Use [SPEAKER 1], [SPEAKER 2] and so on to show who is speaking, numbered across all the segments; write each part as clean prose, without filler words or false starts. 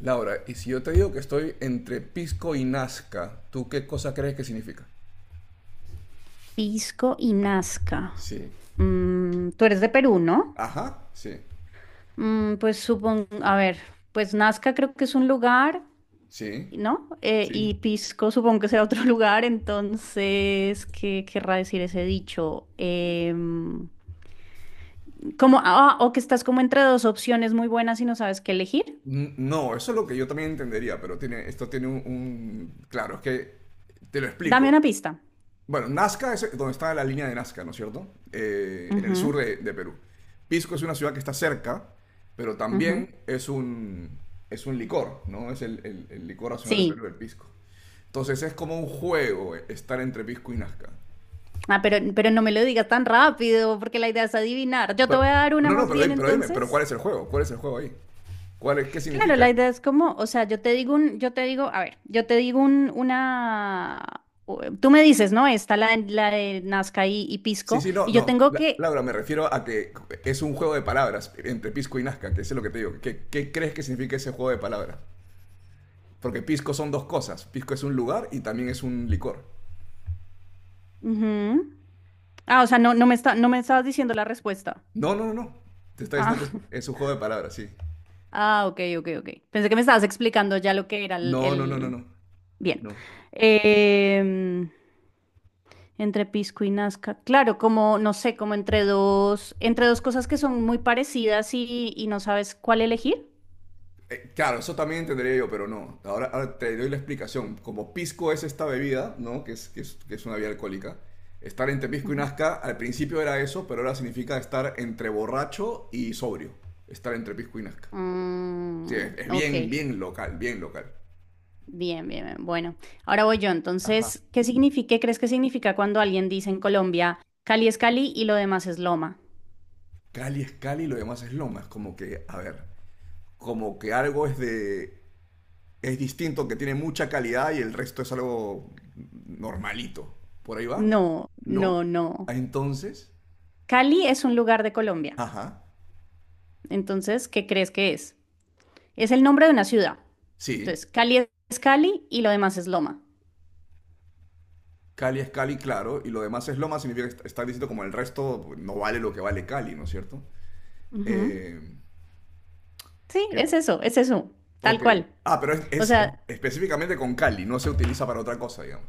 [SPEAKER 1] Laura, y si yo te digo que estoy entre Pisco y Nazca, ¿tú qué cosa crees que significa?
[SPEAKER 2] Pisco y Nazca.
[SPEAKER 1] Sí,
[SPEAKER 2] Mm, tú eres de Perú, ¿no?
[SPEAKER 1] ajá, sí,
[SPEAKER 2] Mm, pues supongo, a ver, pues Nazca creo que es un lugar,
[SPEAKER 1] sí.
[SPEAKER 2] ¿no?
[SPEAKER 1] Sí.
[SPEAKER 2] Y Pisco supongo que será otro lugar, entonces, ¿qué querrá decir ese dicho? Como, ah, o que estás como entre dos opciones muy buenas y no sabes qué elegir.
[SPEAKER 1] No, eso es lo que yo también entendería, pero tiene, esto tiene un. Claro, es que te lo explico.
[SPEAKER 2] Dame una pista.
[SPEAKER 1] Bueno, Nazca es donde está la línea de Nazca, ¿no es cierto? En el
[SPEAKER 2] Ujú,
[SPEAKER 1] sur de Perú. Pisco es una ciudad que está cerca, pero también
[SPEAKER 2] ujú.
[SPEAKER 1] es es un licor, ¿no? Es el licor nacional del
[SPEAKER 2] Sí.
[SPEAKER 1] Perú, el pisco. Entonces es como un juego estar entre Pisco y Nazca.
[SPEAKER 2] Ah, pero no me lo digas tan rápido, porque la idea es adivinar. Yo te voy
[SPEAKER 1] Pero-
[SPEAKER 2] a dar una
[SPEAKER 1] no, no,
[SPEAKER 2] más
[SPEAKER 1] pero,
[SPEAKER 2] bien
[SPEAKER 1] pero dime, ¿pero cuál
[SPEAKER 2] entonces.
[SPEAKER 1] es el juego? ¿Cuál es el juego ahí? ¿Qué
[SPEAKER 2] Claro,
[SPEAKER 1] significa?
[SPEAKER 2] la idea es como, o sea, yo te digo, a ver, yo te digo un, una, o- tú me dices, ¿no? Está la de Nazca y
[SPEAKER 1] Sí,
[SPEAKER 2] Pisco,
[SPEAKER 1] sí, no,
[SPEAKER 2] y yo
[SPEAKER 1] no.
[SPEAKER 2] tengo que,
[SPEAKER 1] Laura, me refiero a que es un juego de palabras entre Pisco y Nazca, que eso es lo que te digo. ¿Qué crees que significa ese juego de palabras? Porque pisco son dos cosas. Pisco es un lugar y también es un licor.
[SPEAKER 2] ujú. Ah, o sea, no, no me estabas diciendo la respuesta.
[SPEAKER 1] No, no, no, no. Te está
[SPEAKER 2] Ah,
[SPEAKER 1] diciendo que es un juego de palabras, sí.
[SPEAKER 2] ah, ok, ok, ok. Pensé que me estabas explicando ya lo que era
[SPEAKER 1] No, no, no, no,
[SPEAKER 2] el-
[SPEAKER 1] no.
[SPEAKER 2] bien.
[SPEAKER 1] No.
[SPEAKER 2] Em, Entre Pisco y Nazca, claro, como, no sé, como entre dos cosas que son muy parecidas y no sabes cuál elegir.
[SPEAKER 1] Claro, eso también entendería yo, pero no. Ahora te doy la explicación. Como pisco es esta bebida, ¿no? Que es una bebida alcohólica. Estar entre pisco y nazca, al principio era eso, pero ahora significa estar entre borracho y sobrio. Estar entre pisco y nazca. Sí,
[SPEAKER 2] Mm,
[SPEAKER 1] es
[SPEAKER 2] ok,
[SPEAKER 1] bien, bien local, bien local.
[SPEAKER 2] bien, bien, bien. Bueno, ahora voy yo.
[SPEAKER 1] Ajá.
[SPEAKER 2] Entonces, ¿qué significa, qué crees que significa cuando alguien dice en Colombia, Cali es Cali y lo demás es Loma?
[SPEAKER 1] Cali es Cali y lo demás es Loma. Es como que, a ver, como que algo es de es distinto, que tiene mucha calidad y el resto es algo normalito. ¿Por ahí va?
[SPEAKER 2] No,
[SPEAKER 1] ¿No?
[SPEAKER 2] no,
[SPEAKER 1] Ah,
[SPEAKER 2] no.
[SPEAKER 1] entonces,
[SPEAKER 2] Cali es un lugar de Colombia.
[SPEAKER 1] ajá,
[SPEAKER 2] Entonces, ¿qué crees que es? Es el nombre de una ciudad.
[SPEAKER 1] sí.
[SPEAKER 2] Entonces, Cali es Cali y lo demás es Loma.
[SPEAKER 1] Cali es Cali, claro, y lo demás es Loma, significa que está diciendo como el resto no vale lo que vale Cali, ¿no es cierto?
[SPEAKER 2] Ujú.
[SPEAKER 1] Eh,
[SPEAKER 2] Sí,
[SPEAKER 1] Que,
[SPEAKER 2] es eso, tal
[SPEAKER 1] ok.
[SPEAKER 2] cual.
[SPEAKER 1] Ah, pero es,
[SPEAKER 2] O sea,
[SPEAKER 1] específicamente con Cali, no se utiliza para otra cosa, digamos.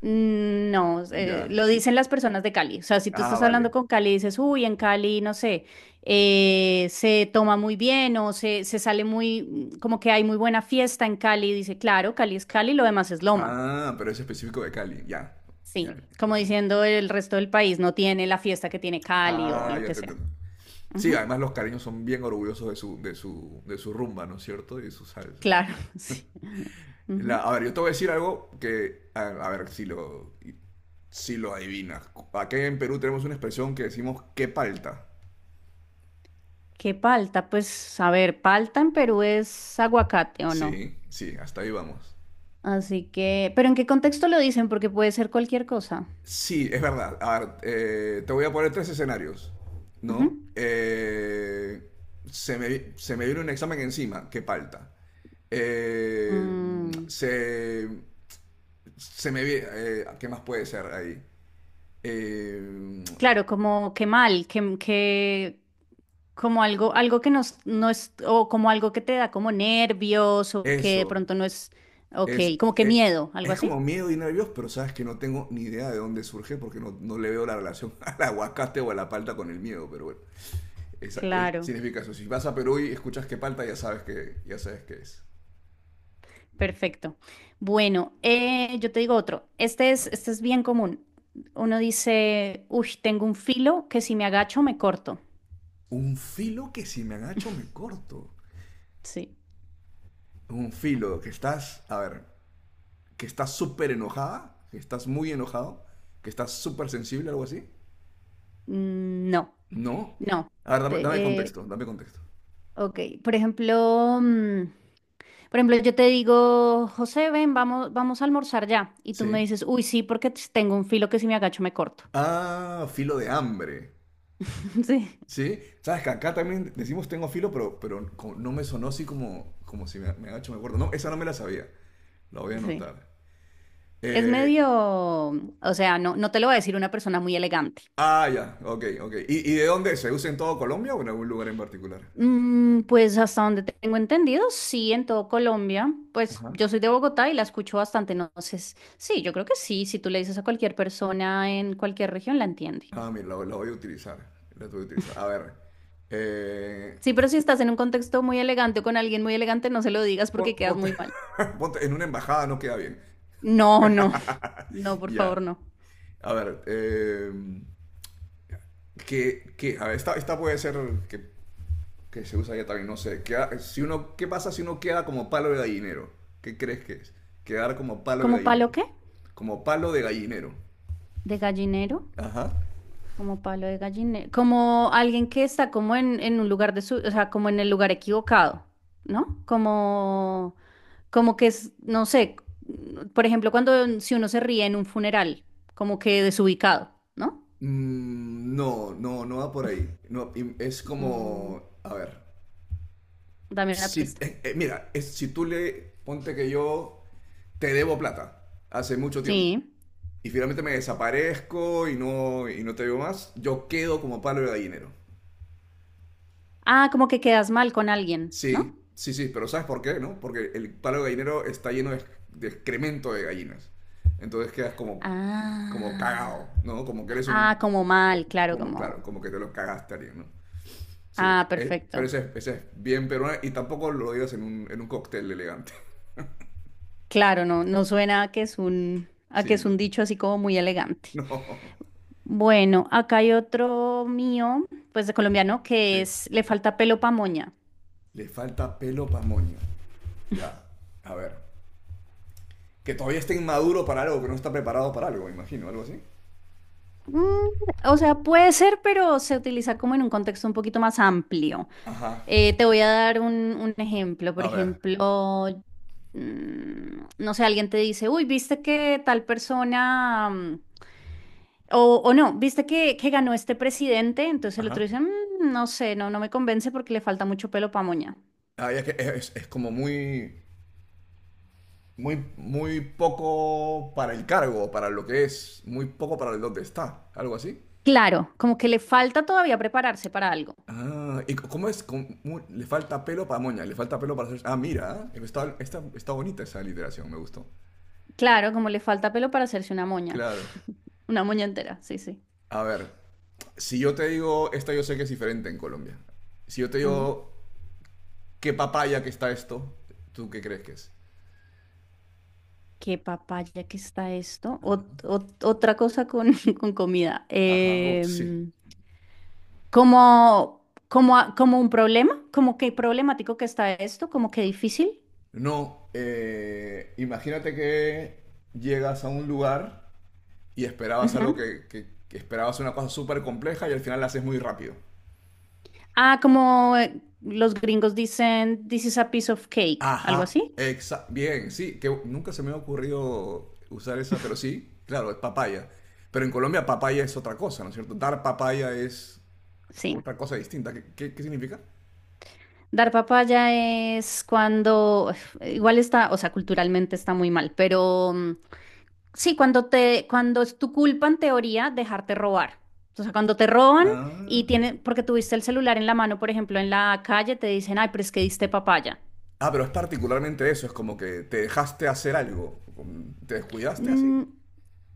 [SPEAKER 2] mm, no,
[SPEAKER 1] Ya.
[SPEAKER 2] lo dicen las personas de Cali. O sea, si tú
[SPEAKER 1] Ah,
[SPEAKER 2] estás
[SPEAKER 1] vale.
[SPEAKER 2] hablando con Cali y dices, uy, en Cali, no sé, se toma muy bien o se sale muy, mm, como que hay muy buena fiesta en Cali, dice, claro, Cali es Cali, lo demás es Loma.
[SPEAKER 1] Ah, pero es específico de Cali, ya. Ya.
[SPEAKER 2] Sí, como diciendo el resto del país no tiene la fiesta que tiene Cali o
[SPEAKER 1] Ah,
[SPEAKER 2] lo
[SPEAKER 1] ya
[SPEAKER 2] que
[SPEAKER 1] te
[SPEAKER 2] sea.
[SPEAKER 1] entiendo. Sí,
[SPEAKER 2] Ujú,
[SPEAKER 1] además los cariños son bien orgullosos de su rumba, ¿no es cierto? Y de su salsa.
[SPEAKER 2] claro, sí. Ujú.
[SPEAKER 1] A ver, yo te voy a decir algo que, a ver si lo, si lo adivinas. Aquí en Perú tenemos una expresión que decimos que palta.
[SPEAKER 2] ¿Qué palta? Pues, a ver, palta en Perú es aguacate o no.
[SPEAKER 1] Sí, sí, hasta ahí vamos.
[SPEAKER 2] Así que, pero ¿en qué contexto lo dicen? Porque puede ser cualquier cosa.
[SPEAKER 1] Sí, es verdad. A ver, te voy a poner tres escenarios,
[SPEAKER 2] Ujú.
[SPEAKER 1] ¿no? Se me, se me viene un examen encima, que palta. Eh,
[SPEAKER 2] Mm,
[SPEAKER 1] Se, se me viene... ¿qué más puede ser ahí? Eh,
[SPEAKER 2] claro, como que mal, que como algo, algo que nos, no es, o como algo que te da como nervios, o que de
[SPEAKER 1] Eso,
[SPEAKER 2] pronto no es, ok,
[SPEAKER 1] es,
[SPEAKER 2] como que
[SPEAKER 1] es,
[SPEAKER 2] miedo, algo
[SPEAKER 1] es
[SPEAKER 2] así.
[SPEAKER 1] como miedo y nervios, pero sabes que no tengo ni idea de dónde surge porque no, no le veo la relación al aguacate o a la palta con el miedo, pero bueno, esa,
[SPEAKER 2] Claro,
[SPEAKER 1] significa eso. Si vas a Perú y escuchas que palta, ya sabes que, ya sabes qué es.
[SPEAKER 2] perfecto. Bueno, yo te digo otro. Este es bien común. Uno dice, uy, tengo un filo que si me agacho me corto.
[SPEAKER 1] Un filo que si me agacho me corto.
[SPEAKER 2] Sí.
[SPEAKER 1] Un filo que estás, a ver, que estás súper enojada, que estás muy enojado, que estás súper sensible, algo así.
[SPEAKER 2] Mm, no,
[SPEAKER 1] No.
[SPEAKER 2] no.
[SPEAKER 1] A ver, dame, dame contexto, dame contexto.
[SPEAKER 2] Ok, por ejemplo, mm, por ejemplo, yo te digo, José, ven, vamos, vamos a almorzar ya. Y tú me
[SPEAKER 1] Sí.
[SPEAKER 2] dices, uy, sí, porque t- tengo un filo que si me agacho me corto.
[SPEAKER 1] Ah, filo de hambre.
[SPEAKER 2] Sí,
[SPEAKER 1] ¿Sí? Sabes que acá también decimos tengo filo, pero no me sonó así como, como si me, me ha hecho me acuerdo. No, esa no me la sabía. La voy a
[SPEAKER 2] sí.
[SPEAKER 1] anotar.
[SPEAKER 2] Es
[SPEAKER 1] Eh,
[SPEAKER 2] medio, o sea, no, no te lo va a decir una persona muy elegante.
[SPEAKER 1] ah, ya, ok, ok. Y de dónde? ¿Se usa en todo Colombia o en algún lugar en particular?
[SPEAKER 2] Mm, pues hasta donde tengo entendido, sí, en todo Colombia. Pues
[SPEAKER 1] Ajá.
[SPEAKER 2] yo soy de Bogotá y la escucho bastante, entonces, sí, yo creo que sí, si tú le dices a cualquier persona en cualquier región, la entiende.
[SPEAKER 1] Ah, mira, la voy a utilizar. La voy a utilizar. A ver. eh,
[SPEAKER 2] Sí, pero si estás en un contexto muy elegante o con alguien muy elegante, no se lo digas porque quedas
[SPEAKER 1] Ponte,
[SPEAKER 2] muy mal.
[SPEAKER 1] en una embajada no queda bien.
[SPEAKER 2] No, no. No, por
[SPEAKER 1] Ya.
[SPEAKER 2] favor, no.
[SPEAKER 1] A ver. ¿Qué, qué? A ver, esta puede ser que que se usa ya también, no sé. Si uno, ¿qué pasa si uno queda como palo de gallinero? ¿Qué crees que es? Quedar como palo de
[SPEAKER 2] ¿Como palo
[SPEAKER 1] gallinero.
[SPEAKER 2] qué?
[SPEAKER 1] Como palo de gallinero.
[SPEAKER 2] ¿De gallinero?
[SPEAKER 1] Ajá.
[SPEAKER 2] Como palo de gallinero. Como alguien que está como en un lugar de su, o sea, como en el lugar equivocado, ¿no? Como, como que es, no sé, por ejemplo, cuando si uno se ríe en un funeral, como que desubicado, ¿no?
[SPEAKER 1] Mm, no, no, no va por ahí. No, y es
[SPEAKER 2] Mm,
[SPEAKER 1] como, a ver,
[SPEAKER 2] dame una
[SPEAKER 1] si,
[SPEAKER 2] pista.
[SPEAKER 1] mira, es, si tú le, ponte que yo te debo plata hace mucho tiempo
[SPEAKER 2] Sí.
[SPEAKER 1] y finalmente me desaparezco y no te veo más, yo quedo como palo de gallinero.
[SPEAKER 2] Ah, como que quedas mal con alguien, ¿no?
[SPEAKER 1] Sí, sí, sí, pero ¿sabes por qué, no? Porque el palo gallinero está lleno de excremento de gallinas. Entonces quedas como, como cagado,
[SPEAKER 2] Ah.
[SPEAKER 1] ¿no? Como que eres
[SPEAKER 2] Ah,
[SPEAKER 1] un...
[SPEAKER 2] como mal, claro,
[SPEAKER 1] Como,
[SPEAKER 2] como.
[SPEAKER 1] claro, como que te lo cagaste a alguien, ¿no? Sí,
[SPEAKER 2] Ah,
[SPEAKER 1] pero
[SPEAKER 2] perfecto.
[SPEAKER 1] ese, ese es bien peruano y tampoco lo digas en un cóctel elegante.
[SPEAKER 2] Claro, no, no suena a que es un, a que
[SPEAKER 1] Sí,
[SPEAKER 2] es
[SPEAKER 1] no.
[SPEAKER 2] un dicho así como muy elegante.
[SPEAKER 1] No.
[SPEAKER 2] Bueno, acá hay otro mío, pues de colombiano, que
[SPEAKER 1] Sí.
[SPEAKER 2] es le falta pelo pa' moña.
[SPEAKER 1] Le falta pelo pa' moño. Ya, a ver. Que todavía esté inmaduro para algo, que no está preparado para algo, me imagino, algo así.
[SPEAKER 2] Mm, o sea, puede ser, pero se utiliza como en un contexto un poquito más amplio.
[SPEAKER 1] Ajá.
[SPEAKER 2] Te voy a dar un ejemplo. Por
[SPEAKER 1] A ver.
[SPEAKER 2] ejemplo, mm, no sé, alguien te dice, uy, viste que tal persona. Mm, O, o no, viste que ganó este presidente, entonces el otro
[SPEAKER 1] Ajá.
[SPEAKER 2] dice, "Mm, no sé, no, no me convence porque le falta mucho pelo para moña.
[SPEAKER 1] Ay, es que es como muy, muy, muy poco para el cargo, para lo que es, muy poco para el dónde está, algo así.
[SPEAKER 2] Claro, como que le falta todavía prepararse para algo.
[SPEAKER 1] Ah, ¿y cómo es? ¿Cómo- le falta pelo para moña, le falta pelo para hacer... Ah, mira, ¿eh? Está, está, está bonita esa literación, me gustó.
[SPEAKER 2] Claro, como le falta pelo para hacerse una moña.
[SPEAKER 1] Claro.
[SPEAKER 2] Una moña entera, sí, sí.
[SPEAKER 1] A ver, si yo te digo, esta yo sé que es diferente en Colombia. Si yo te
[SPEAKER 2] Ujú.
[SPEAKER 1] digo, ¿qué papaya que está esto? ¿Tú qué crees que es?
[SPEAKER 2] Qué papaya que está esto. Ot- ot- otra cosa con, con comida.
[SPEAKER 1] Ajá, sí.
[SPEAKER 2] Como, como, a- como un problema, como que problemático que está esto, como que difícil.
[SPEAKER 1] No, imagínate que llegas a un lugar y esperabas algo
[SPEAKER 2] Ujú.
[SPEAKER 1] que, que esperabas una cosa súper compleja y al final la haces muy rápido.
[SPEAKER 2] Ah, como los gringos dicen, this is a piece of cake, algo
[SPEAKER 1] Ajá,
[SPEAKER 2] así.
[SPEAKER 1] bien, sí, que nunca se me ha ocurrido usar esa, pero sí, claro, es papaya. Pero en Colombia papaya es otra cosa, ¿no es cierto? Dar papaya es
[SPEAKER 2] Sí.
[SPEAKER 1] otra cosa distinta. ¿Qué, qué significa?
[SPEAKER 2] Dar papaya es cuando, igual está, o sea, culturalmente está muy mal, pero mm, sí, cuando te, cuando es tu culpa en teoría dejarte robar. O sea, cuando te roban y
[SPEAKER 1] Ah.
[SPEAKER 2] tienen, porque tuviste el celular en la mano, por ejemplo, en la calle, te dicen, ay, pero es que diste papaya.
[SPEAKER 1] Ah, pero es particularmente eso, es como que te dejaste hacer algo, como te descuidaste así.
[SPEAKER 2] Mm,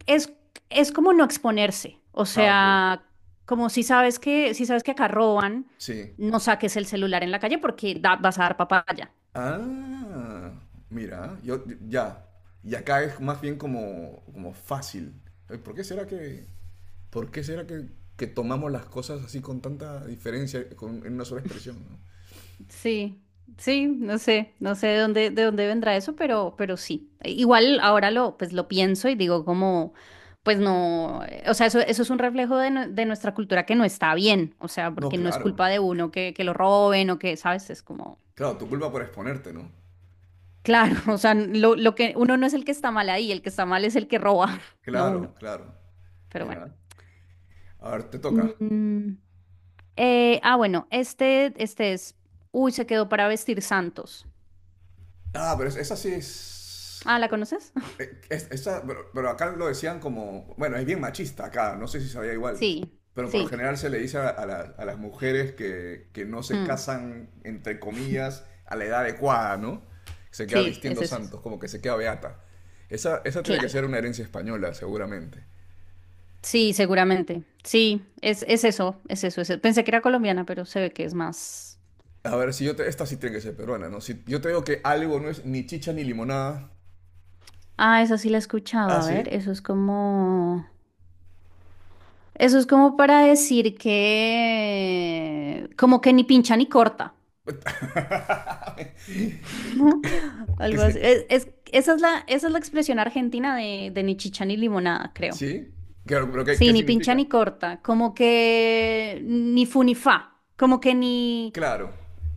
[SPEAKER 2] es, es como no exponerse, o
[SPEAKER 1] Ah, ok.
[SPEAKER 2] sea, como si sabes que, si sabes que acá roban,
[SPEAKER 1] Sí.
[SPEAKER 2] no saques el celular en la calle porque da- vas a dar papaya.
[SPEAKER 1] Ah, mira, yo ya. Y acá es más bien como, como fácil. Ay, ¿por qué será que, por qué será que tomamos las cosas así con tanta diferencia en una sola expresión, ¿no?
[SPEAKER 2] Sí, sí, no sé, no sé de dónde vendrá eso, pero sí. Igual ahora lo, pues lo pienso y digo como, pues no, o sea, eso es un reflejo de, nue- de nuestra cultura que no está bien, o sea,
[SPEAKER 1] No,
[SPEAKER 2] porque no es
[SPEAKER 1] claro.
[SPEAKER 2] culpa de uno que lo roben o que, ¿sabes? Es como...
[SPEAKER 1] Claro, tu culpa por exponerte, ¿no?
[SPEAKER 2] Claro, o sea, lo que uno no es el que está mal ahí, el que está mal es el que roba, no uno.
[SPEAKER 1] Claro, claro.
[SPEAKER 2] Pero bueno.
[SPEAKER 1] Mira. A ver, te toca.
[SPEAKER 2] Mm, ah, bueno, este es. Uy, se quedó para vestir santos.
[SPEAKER 1] Ah, pero esa sí es.
[SPEAKER 2] Ah, ¿la conoces?
[SPEAKER 1] Pero acá lo decían como, bueno, es bien machista acá, no sé si sabía igual,
[SPEAKER 2] Sí,
[SPEAKER 1] pero por lo
[SPEAKER 2] sí.
[SPEAKER 1] general se le dice a las mujeres que no se
[SPEAKER 2] Mm,
[SPEAKER 1] casan, entre comillas, a la edad adecuada, ¿no? Se queda sí,
[SPEAKER 2] sí, es
[SPEAKER 1] vistiendo
[SPEAKER 2] eso.
[SPEAKER 1] santos, como que se queda beata. Esa tiene que sí.
[SPEAKER 2] Claro.
[SPEAKER 1] Ser una herencia española, seguramente.
[SPEAKER 2] Sí, seguramente. Sí, es eso, es eso, es eso. Pensé que era colombiana, pero se ve que es más.
[SPEAKER 1] A ver, si yo te- esta sí tiene que ser peruana, ¿no? Si yo te digo que algo no es ni chicha ni limonada.
[SPEAKER 2] Ah, esa sí la he escuchado.
[SPEAKER 1] ¿Ah,
[SPEAKER 2] A
[SPEAKER 1] sí?
[SPEAKER 2] ver, eso es como. Eso es como para decir que. Como que ni pincha ni corta.
[SPEAKER 1] ¿Qué,
[SPEAKER 2] Algo así.
[SPEAKER 1] sí?
[SPEAKER 2] Es- esa es la expresión argentina de ni chicha ni limonada, creo.
[SPEAKER 1] ¿Sí? Claro, pero ¿qué, qué
[SPEAKER 2] Sí, ni pincha
[SPEAKER 1] significa?
[SPEAKER 2] ni corta, como que ni fu ni fa, como que ni...
[SPEAKER 1] Claro,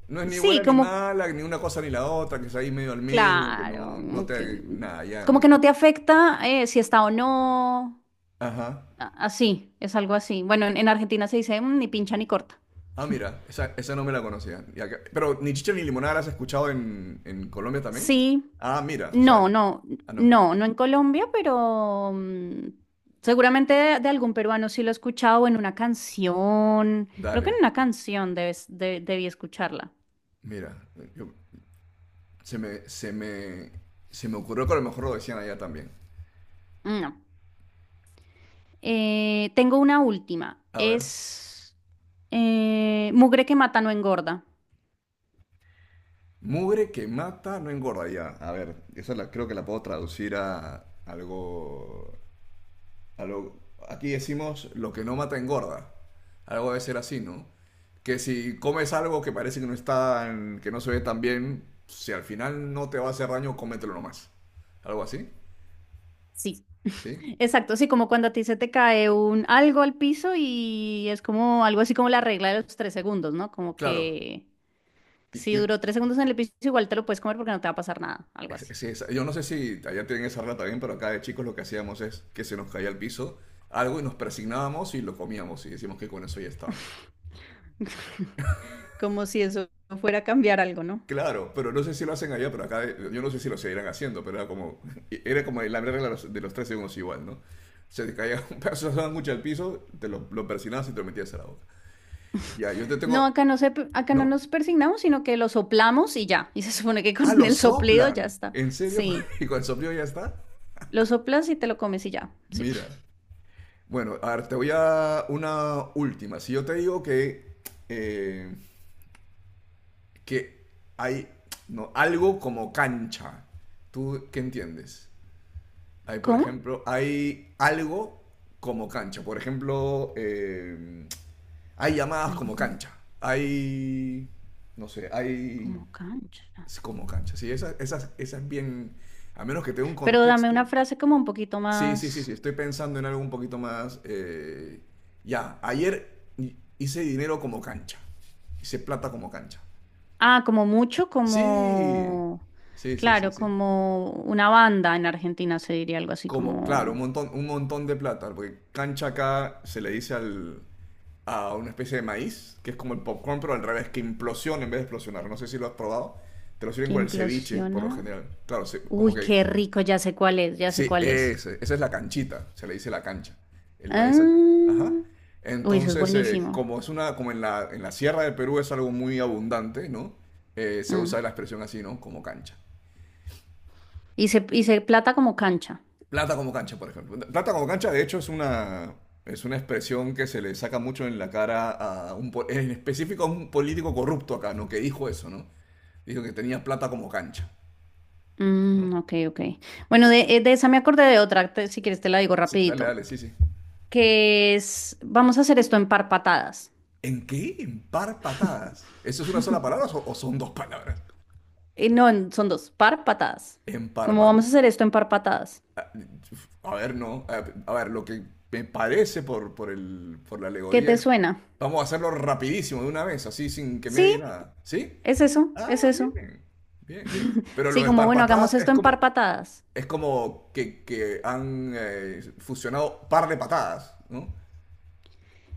[SPEAKER 1] no es ni
[SPEAKER 2] Sí,
[SPEAKER 1] buena ni
[SPEAKER 2] como,
[SPEAKER 1] mala, ni una cosa ni la otra, que es ahí medio al medio, que
[SPEAKER 2] claro,
[SPEAKER 1] no, no te... Nada, ya...
[SPEAKER 2] como que
[SPEAKER 1] mm,
[SPEAKER 2] no te afecta si está o no,
[SPEAKER 1] ajá.
[SPEAKER 2] a- así, es algo así. Bueno, en Argentina se dice "Mm, ni pincha ni corta.
[SPEAKER 1] Ah, mira, esa no me la conocía. Y acá- pero ni chicha ni limonada la has escuchado en Colombia también.
[SPEAKER 2] Sí,
[SPEAKER 1] Ah, mira, o sea...
[SPEAKER 2] no, no,
[SPEAKER 1] ah, no.
[SPEAKER 2] no, no en Colombia, pero mm, seguramente de algún peruano sí lo he escuchado o en una canción. Creo que en
[SPEAKER 1] Dale,
[SPEAKER 2] una canción debes, de- debí escucharla.
[SPEAKER 1] mira. yo- Se me, se me ocurrió que a lo mejor lo decían allá también.
[SPEAKER 2] No. Tengo una última.
[SPEAKER 1] A ver.
[SPEAKER 2] Es mugre que mata no engorda.
[SPEAKER 1] Mugre que mata no engorda ya. A ver, esa la, creo que la puedo traducir a algo a lo- aquí decimos lo que no mata engorda. Algo debe ser así, ¿no? Que si comes algo que parece que no está, que no se ve tan bien, si al final no te va a hacer daño, cómetelo nomás. Algo así,
[SPEAKER 2] Sí,
[SPEAKER 1] ¿sí?
[SPEAKER 2] exacto. Sí, como cuando a ti se te cae un algo al piso y es como algo así como la regla de los 3 segundos, ¿no? Como
[SPEAKER 1] Claro.
[SPEAKER 2] que
[SPEAKER 1] Y-
[SPEAKER 2] si
[SPEAKER 1] y-
[SPEAKER 2] duró 3 segundos en el piso, igual te lo puedes comer porque no te va a pasar nada, algo así.
[SPEAKER 1] yo no sé si allá tienen esa regla también, pero acá de chicos lo que hacíamos es que se nos caía al piso algo y nos persignábamos y lo comíamos y decimos que con eso ya estaba.
[SPEAKER 2] Como si eso fuera a cambiar algo, ¿no?
[SPEAKER 1] Claro, pero no sé si lo hacen allá, pero acá yo no sé si lo seguirán haciendo, pero era como, era como la regla de los tres segundos igual, ¿no? Se te caía un pedazo de sándwich al piso, te lo persinabas y te lo metías a la boca. Ya, yo te
[SPEAKER 2] No,
[SPEAKER 1] tengo,
[SPEAKER 2] acá no se, acá no
[SPEAKER 1] ¿no?
[SPEAKER 2] nos persignamos, sino que lo soplamos y ya. Y se supone que
[SPEAKER 1] Ah,
[SPEAKER 2] con
[SPEAKER 1] lo
[SPEAKER 2] el soplido ya
[SPEAKER 1] soplan.
[SPEAKER 2] está.
[SPEAKER 1] ¿En serio?
[SPEAKER 2] Sí,
[SPEAKER 1] ¿Y con el soplido ya está?
[SPEAKER 2] lo soplas y te lo comes y ya. Sí.
[SPEAKER 1] Mira. Bueno, a ver, te voy a una última. Si yo te digo eh, que hay no, algo como cancha, ¿tú qué entiendes? Hay, por
[SPEAKER 2] ¿Cómo?
[SPEAKER 1] ejemplo, hay algo como cancha. Por ejemplo, hay llamadas
[SPEAKER 2] Algo
[SPEAKER 1] como
[SPEAKER 2] como,
[SPEAKER 1] cancha. Hay, no sé, hay
[SPEAKER 2] como cancha.
[SPEAKER 1] es como cancha. Sí, esa es bien, a menos que tenga un
[SPEAKER 2] Pero dame
[SPEAKER 1] contexto.
[SPEAKER 2] una frase como un poquito
[SPEAKER 1] Sí,
[SPEAKER 2] más.
[SPEAKER 1] sí, sí, sí. Estoy pensando en algo un poquito más. Ya, ayer hice dinero como cancha. Hice plata como cancha.
[SPEAKER 2] Ah, como mucho,
[SPEAKER 1] Sí,
[SPEAKER 2] como.
[SPEAKER 1] sí, sí, sí,
[SPEAKER 2] Claro,
[SPEAKER 1] sí.
[SPEAKER 2] como una banda en Argentina se diría algo así
[SPEAKER 1] Como, claro,
[SPEAKER 2] como.
[SPEAKER 1] un montón de plata, porque cancha acá se le dice al, a una especie de maíz, que es como el popcorn, pero al revés, que implosiona en vez de explosionar. No sé si lo has probado. Te lo sirven
[SPEAKER 2] Que
[SPEAKER 1] con el ceviche, por lo
[SPEAKER 2] implosiona.
[SPEAKER 1] general. Claro, como
[SPEAKER 2] Uy,
[SPEAKER 1] que...
[SPEAKER 2] qué rico, ya sé cuál es, ya sé
[SPEAKER 1] Sí,
[SPEAKER 2] cuál es.
[SPEAKER 1] esa es la canchita, se le dice la cancha. El maíz... a-
[SPEAKER 2] Ah,
[SPEAKER 1] ajá.
[SPEAKER 2] uy, eso es
[SPEAKER 1] Entonces,
[SPEAKER 2] buenísimo.
[SPEAKER 1] como es una, como en la sierra de Perú es algo muy abundante, ¿no? Se
[SPEAKER 2] Mm.
[SPEAKER 1] usa la expresión así, ¿no? Como cancha.
[SPEAKER 2] Y se plata como cancha.
[SPEAKER 1] Plata como cancha, por ejemplo. Plata como cancha, de hecho, es una expresión que se le saca mucho en la cara a un, en específico a un político corrupto acá, ¿no? Que dijo eso, ¿no? Dijo que tenía plata como cancha, ¿no?
[SPEAKER 2] Mm, ok, ok. Bueno, de esa me acordé de otra, te- si quieres te la digo
[SPEAKER 1] Sí, dale,
[SPEAKER 2] rapidito,
[SPEAKER 1] dale, sí, sí.
[SPEAKER 2] que es, vamos a hacer esto en par patadas.
[SPEAKER 1] ¿En qué? En par patadas. ¿Eso es una sola palabra o son dos palabras?
[SPEAKER 2] No, en- son dos, par patadas.
[SPEAKER 1] En par
[SPEAKER 2] ¿Cómo vamos a hacer esto en par patadas?
[SPEAKER 1] a ver, no. A ver, lo que me parece por el, por la
[SPEAKER 2] ¿Qué
[SPEAKER 1] alegoría
[SPEAKER 2] te
[SPEAKER 1] es.
[SPEAKER 2] suena?
[SPEAKER 1] Vamos a hacerlo rapidísimo de una vez, así sin que medie
[SPEAKER 2] Sí,
[SPEAKER 1] nada. ¿Sí?
[SPEAKER 2] es eso, es
[SPEAKER 1] Ah,
[SPEAKER 2] eso.
[SPEAKER 1] bien. Bien, bien. Pero lo
[SPEAKER 2] Sí,
[SPEAKER 1] de
[SPEAKER 2] como
[SPEAKER 1] par
[SPEAKER 2] bueno, hagamos
[SPEAKER 1] patadas es
[SPEAKER 2] esto en par
[SPEAKER 1] como.
[SPEAKER 2] patadas.
[SPEAKER 1] Es como que han fusionado par de patadas, ¿no?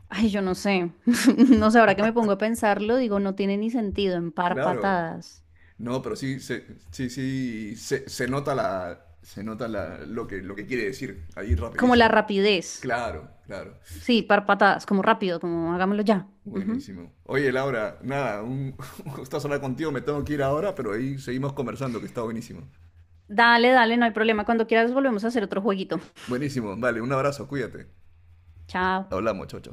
[SPEAKER 2] Ay, yo no sé. No sé, ahora que me pongo a pensarlo, digo, no tiene ni sentido en par
[SPEAKER 1] Claro.
[SPEAKER 2] patadas.
[SPEAKER 1] No, pero sí, se, sí, sí, se, se nota la, lo que quiere decir ahí
[SPEAKER 2] Como
[SPEAKER 1] rapidísimo.
[SPEAKER 2] la rapidez.
[SPEAKER 1] Claro, claro.
[SPEAKER 2] Sí, par patadas, como rápido, como hagámoslo ya. Ujú.
[SPEAKER 1] Buenísimo. Oye, Laura, nada, un, un gustazo hablar contigo, me tengo que ir ahora, pero ahí seguimos conversando, que está buenísimo.
[SPEAKER 2] Dale, dale, no hay problema. Cuando quieras volvemos a hacer otro jueguito.
[SPEAKER 1] Buenísimo, vale, un abrazo, cuídate.
[SPEAKER 2] Chao.
[SPEAKER 1] Hablamos, chocho.